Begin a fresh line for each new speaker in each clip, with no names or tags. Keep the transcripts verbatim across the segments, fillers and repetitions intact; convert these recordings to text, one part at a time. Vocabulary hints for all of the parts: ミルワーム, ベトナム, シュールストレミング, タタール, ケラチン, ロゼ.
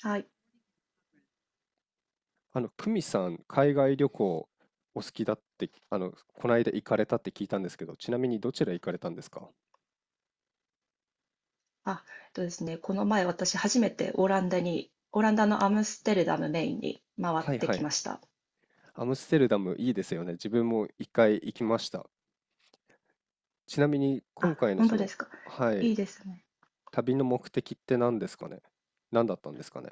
はい。
あの、久美さん、海外旅行お好きだって、あの、この間行かれたって聞いたんですけど、ちなみにどちら行かれたんですか？
あ、えっとですね、この前私初めてオランダに、オランダのアムステルダムメインに回っ
はい
て
は
きま
い。
した。
アムステルダムいいですよね。自分も一回行きました。ちなみに今
あ、
回の
本
そ
当で
の、
すか。
は
い
い、
いですね。
旅の目的って何ですかね？何だったんですかね？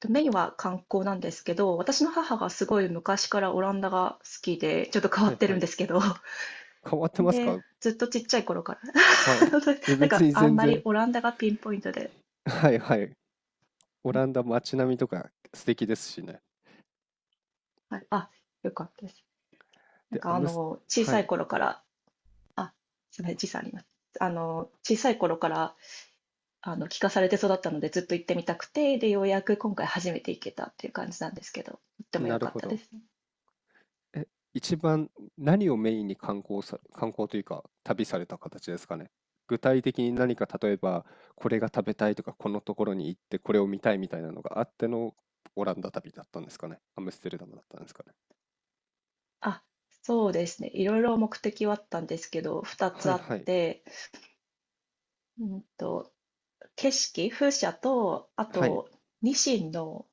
とメインは観光なんですけど、私の母がすごい昔からオランダが好きで、ちょっと変わ
は
っ
い
て
は
るん
い。
ですけど、
変わってます
で、
か？
ずっとちっちゃい頃から。
はい。いや
なん
別
か
に
あ
全
んま
然。
りオランダがピンポイントで、
はいはい。オ
はい。
ランダ街並みとか素敵ですしね。
はい、あ、よかったです。なん
で、ア
かあ
ムス、
の、小
は
さい
い。
頃から、あ、すみません、時差あります。あの、小さい頃からあの、聞かされて育ったので、ずっと行ってみたくて、で、ようやく今回初めて行けたっていう感じなんですけど、とっても良
なる
かっ
ほ
たで
ど。
すね。
え、一番何をメインに観光さ、観光というか旅された形ですかね？具体的に何か、例えばこれが食べたいとか、このところに行ってこれを見たいみたいなのがあってのオランダ旅だったんですかね？アムステルダムだったんですかね？
あ、そうですね。いろいろ目的はあったんですけど、2
は
つ
い
あっ
はい、
て、うんと、景色、風車と、あ
はい
と、ニシンの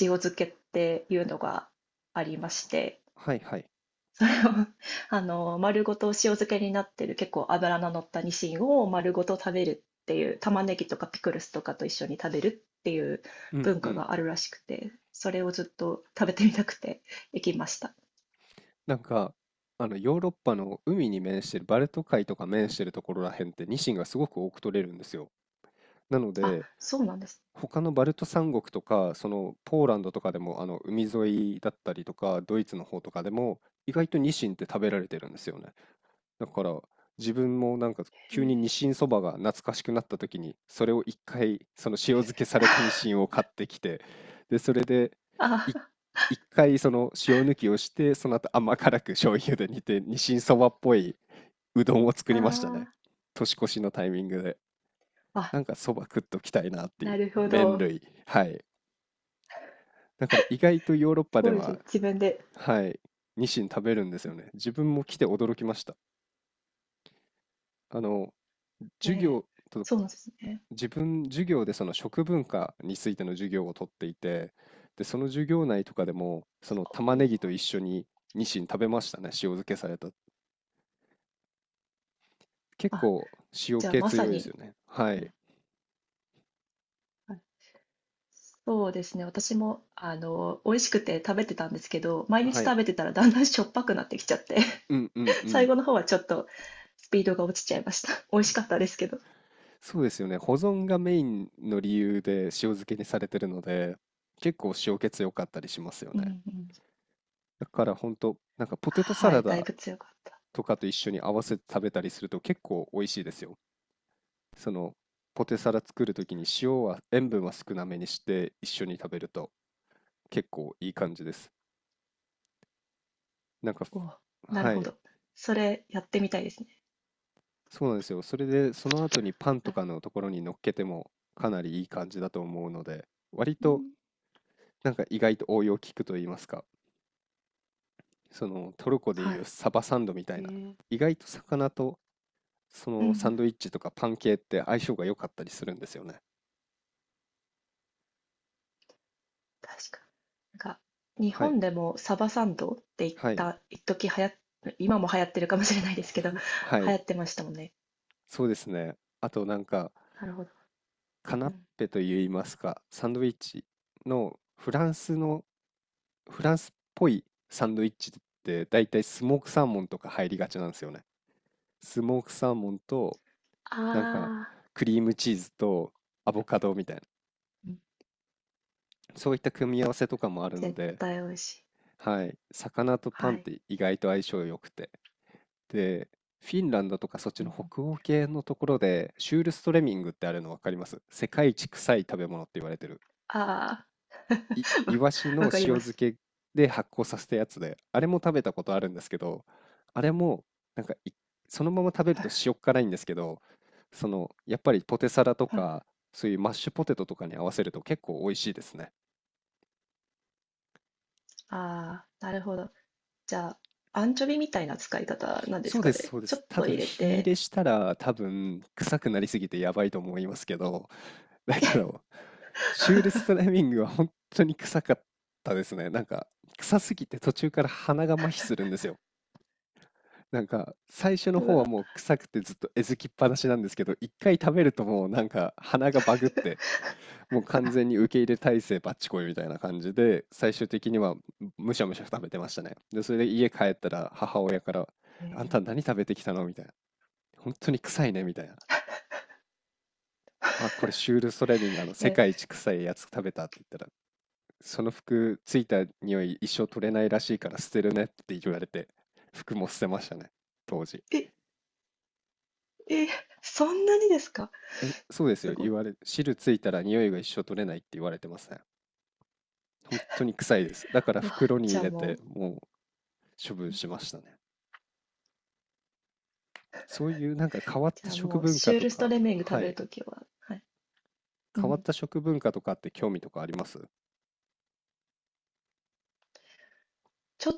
塩漬けっていうのがありまして、
はいはい。
それを あの丸ごと塩漬けになってる結構脂の乗ったニシンを丸ごと食べるっていう、玉ねぎとかピクルスとかと一緒に食べるっていう
うん
文
う
化
ん。
があるらしくて、それをずっと食べてみたくて 行きました。
なんかあのヨーロッパの海に面してるバルト海とか面してるところらへんって、ニシンがすごく多く取れるんですよ。なの
あ、
で
そうなんです
他のバルト三国とか、そのポーランドとかでも、あの海沿いだったりとか、ドイツの方とかでも、意外とニシンって食べられてるんですよね。だから自分もなんか、
ね。
急
へえ。
にニシンそばが懐かしくなった時に、それを一回、その塩漬けされたニシンを買ってきて、で、それでい
あ
一回その塩抜きをして、その後甘辛く醤油で煮て、ニシンそばっぽいうどんを作
あ
りましたね。
ー。
年越しのタイミングで。
あ、
なんかそば食っときたいなっていう
なるほ
麺
ど。
類。はい、だから意外とヨーロッ
す
パで
ごいですね、
は、
自分で。
はい、ニシン食べるんですよね。自分も来て驚きました。あの
え
授
え。
業と、
そうなんですね。
自分授業でその食文化についての授業をとっていて、でその授業内とかでもその玉ねぎと一緒にニシン食べましたね、塩漬けされた。結
あ、
構塩
じゃあ
気
まさ
強いです
に。
よね。は
う
い
ん。そうですね。私も、あの、美味しくて食べてたんですけど、毎日
はい、
食べてたらだんだんしょっぱくなってきちゃって、
うんうんう
最
ん。
後の方はちょっとスピードが落ちちゃいました。美味しかったですけど。
そうですよね。保存がメインの理由で塩漬けにされてるので、結構塩気強かったりしますよ
う
ね。
んうん。
だから本当なんか、ポテトサ
は
ラ
い、だい
ダ
ぶ強かった。
とかと一緒に合わせて食べたりすると結構美味しいですよ。そのポテサラ作るときに、塩は塩分は少なめにして一緒に食べると結構いい感じです。なんか、
おう、なる
は
ほ
い、
ど。それやってみたいですね。
そうなんですよ。それでその後にパン
は
と
い。
かのところに乗っけてもかなりいい感じだと思うので、割
う
と
ん、
なんか、意外と応用効くと言いますか。そのトルコで
は
いう
い。
サバサンドみたいな、
へえ。
意外と魚とそ
うんう
のサン
ん、
ドイッチとかパン系って相性が良かったりするんですよね。
確かに。なんか、日
はい
本でもサバサンドって言っ
はい、
た、一時流行っ、今も流行ってるかもしれないですけど、流
はい。
行ってましたもんね。
そうですね。あとなんか
なるほど。
カナ
う
ッ
ん。
ペといいますか、サンドイッチのフランスの、フランスっぽいサンドイッチって大体スモークサーモンとか入りがちなんですよね。スモークサーモンと
あ
なんか
あ。
クリームチーズとアボカドみたいな、そういった組み合わせとかもあるの
絶
で、
対美味しい。
はい、魚とパン
は
っ
い。
て意外と相性良くて。で、フィンランドとかそっち
う
の
ん。
北欧系のところで、シュールストレミングってあるの分かります？世界一臭い食べ物って言われてる。
ああ。
い、イ
わ
ワシの
わ
塩
かりま
漬
す。
けで発酵させたやつで、あれも食べたことあるんですけど、あれも、なんかい、そのまま食べる
は
と
い
塩っ辛いんですけど、その、やっぱりポテサラと
はい。
か、そういうマッシュポテトとかに合わせると結構美味しいですね。
ああ、なるほど。じゃあ、アンチョビみたいな使い方なんです
そう
か
です、
ね。
そうで
ちょ
す。
っ
た
と
だ、
入れ
火入
て。
れしたら多分、臭くなりすぎてやばいと思いますけど、だけど、シュールスト ライミングは本当に臭かったですね。なんか、臭すぎて途中から鼻が麻痺するんですよ。なんか、最初の
う
方は
わ。
もう臭くてずっとえずきっぱなしなんですけど、一回食べるともうなんか鼻がバグって、もう完全に受け入れ体制バッチコイみたいな感じで、最終的にはむしゃむしゃ食べてましたね。で、それで家帰ったら母親から、あんた
ね
何食べてきたのみたいな。本当に臭いねみたいな。あ、これシュール・ソレミンがあの世
え。
界一臭いやつ食べたって言ったら、その服ついた匂い一生取れないらしいから捨てるねって言われて、服も捨てましたね、当時。
え、え、そんなにですか？
え、そうです
す
よ、
ご
言
い。
われ、汁ついたら匂いが一生取れないって言われてますね。本当に臭いです。だから
うわ。
袋に
じ
入
ゃあ
れ
も
て
う、
もう処分
うん。
しましたね。そういうなんか変わっ
じ
た
ゃあ
食
もう、
文
シ
化
ュー
と
ルスト
か、
レメング食
は
べる
い、
ときは、はい。う
変わっ
ん、
た食文化とかって興味とかあります？
ちょっ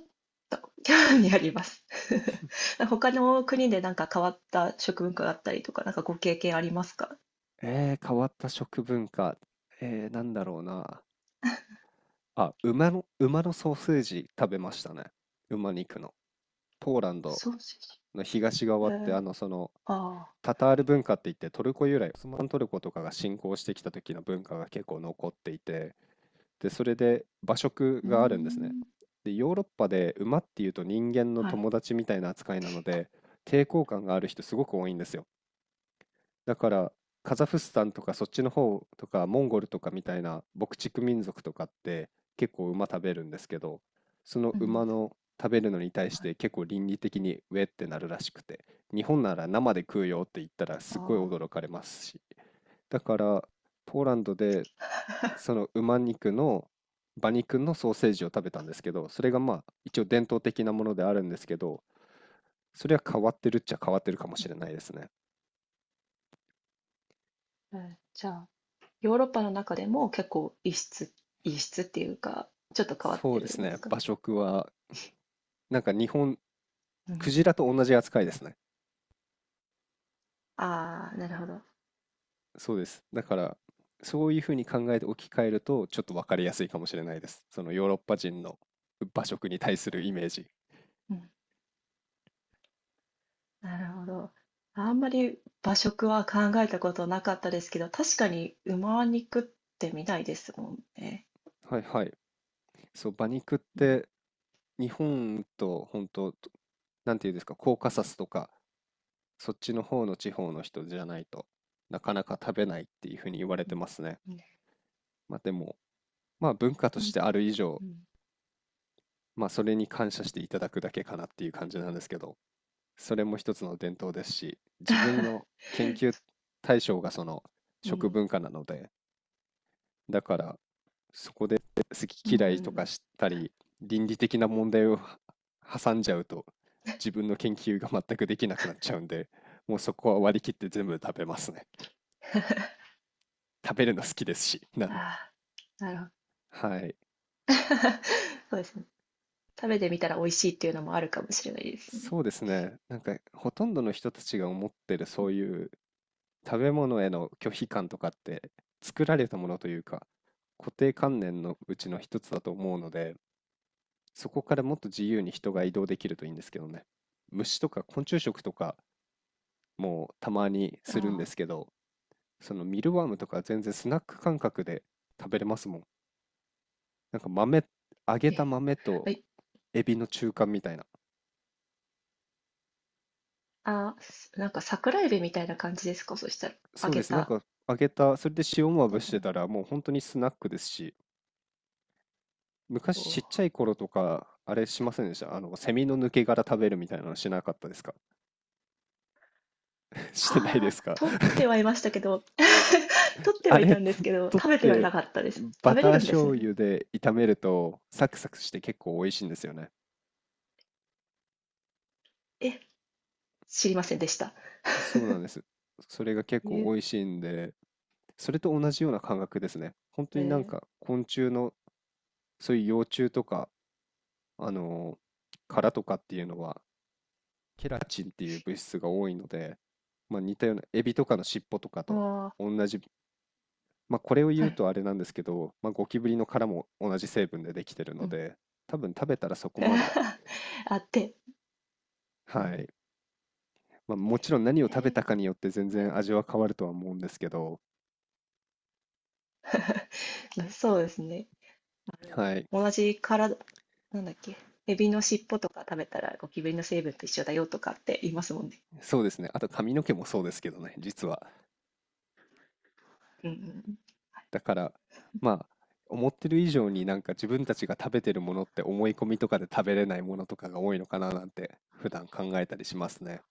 と興味あります。他の国でなんか変わった食文化があったりとか、なんかご経験ありますか？
えー、変わった食文化。えー、なんだろうな。あ、馬の、馬のソーセージ食べましたね。馬肉の。ポーランド
ソーセージ。
の東
え
側って
ー、
あのその
ああ、
タタール文化って言って、トルコ由来、オスマントルコとかが侵攻してきた時の文化が結構残っていて、でそれで馬食
うー
があるんですね。
ん、
でヨーロッパで馬っていうと人間の
はい、
友達みたいな扱いなので、抵抗感がある人すごく多いんですよ。だからカザフスタンとかそっちの方とか、モンゴルとかみたいな牧畜民族とかって結構馬食べるんですけど、その
う
馬
ん、
の食べるのに対し
はい、
て結構倫理的にウェってなるらしくて、日本なら生で食うよって言ったらすっごい
あ
驚かれますし、だからポーランドでその馬肉の馬肉のソーセージを食べたんですけど、それがまあ一応伝統的なものであるんですけど、それは変わってるっちゃ変わってるかもしれないですね。
あ、えー、じゃあ、ヨーロッパの中でも結構異質、異質っていうか、ちょっと変わっ
そ
て
うで
る
す
んで
ね、
すか？
馬食は。なんか日本、
う
クジラ
ん、
と同じ扱いですね。
ああ、なるほど。
そうです。だから、そういうふうに考えて置き換えると、ちょっと分かりやすいかもしれないです。そのヨーロッパ人の馬食に対するイメージ。
うん、なるほど。あんまり和食は考えたことなかったですけど、確かに馬肉って見ないですもんね。
はいはい。そう、馬肉って日本と本当、なんていうんですか、コーカサスとかそっちの方の地方の人じゃないとなかなか食べないっていうふうに言われ
うん、
てますね。
うん、
まあでも、まあ文化と
な
し
ん
て
で、
ある以上、
うん。
まあそれに感謝していただくだけかなっていう感じなんですけど、それも一つの伝統ですし、自分の研究 対象がその
う
食
ん、
文化なので、だからそこで好
う
き嫌いとか
ん。
したり、倫理的な問題を挟んじゃうと、自分の研究が全くできなくなっちゃうんで、もうそこは割り切って全部食べますね。食べるの好きですし、なん
あ
で、
あ、なるほど。
はい。
そうですね。食べてみたら美味しいっていうのもあるかもしれないですね。
そうですね。なんかほとんどの人たちが思ってるそういう食べ物への拒否感とかって作られたものというか、固定観念のうちの一つだと思うので、そこからもっと自由に人が移動できるといいんですけどね。虫とか昆虫食とかもたまにするんで
ああ
すけど、そのミルワームとか全然スナック感覚で食べれますもん。なんか豆、揚げ
ー。
た
え、
豆と
はい。
エビの中間みたいな。
あーすなんか桜えびみたいな感じですか、そしたら？揚
そうで
げ
す。なん
た。
か揚げた、それで塩ま
そ
ぶ
う
し
か
て
な。
たらもう本当にスナックですし、
お
昔ちっちゃ
ー。
い頃とか、あれしませんでした、あの、セミの抜け殻食べるみたいなのしなかったですか？ してないで
あ
す
あ、
か？
取ってはいましたけど、取って
あ
はい
れ、
たんですけど、
取っ
食べては
て
なかったです。食
バ
べ
ター
れるんです
醤
ね。
油で炒めるとサクサクして結構美味しいんですよね。
え、知りませんでした。
そうなんです。それが結構
え
美味しいんで、それと同じような感覚ですね。本当になん
え
か昆虫のそういう幼虫とか、あのー殻とかっていうのはケラチンっていう物質が多いので、まあ、似たようなエビとかの尻尾とか
ー、
と
あ
同じ、まあ、これを
あ、
言
は
う
い。
とあれなんですけど、まあ、ゴキブリの殻も同じ成分でできてる
う
の
ん。
で、多分食べたらそこまで、
あって、うんう
は
ん、
い、まあ、もちろん何を
え
食べ
ー、
たかによって全
は
然
い。
味は変わるとは思うんですけど、
まあそうですね。まあ、で
は
も、
い、
同じ体、なんだっけ、エビの尻尾とか食べたらゴキブリの成分と一緒だよとかって言いますもんね。
そうですね、あと髪の毛もそうですけどね実は。
うんうん
だからまあ、思ってる以上になんか自分たちが食べてるものって思い込みとかで食べれないものとかが多いのかななんて普段考えたりしますね。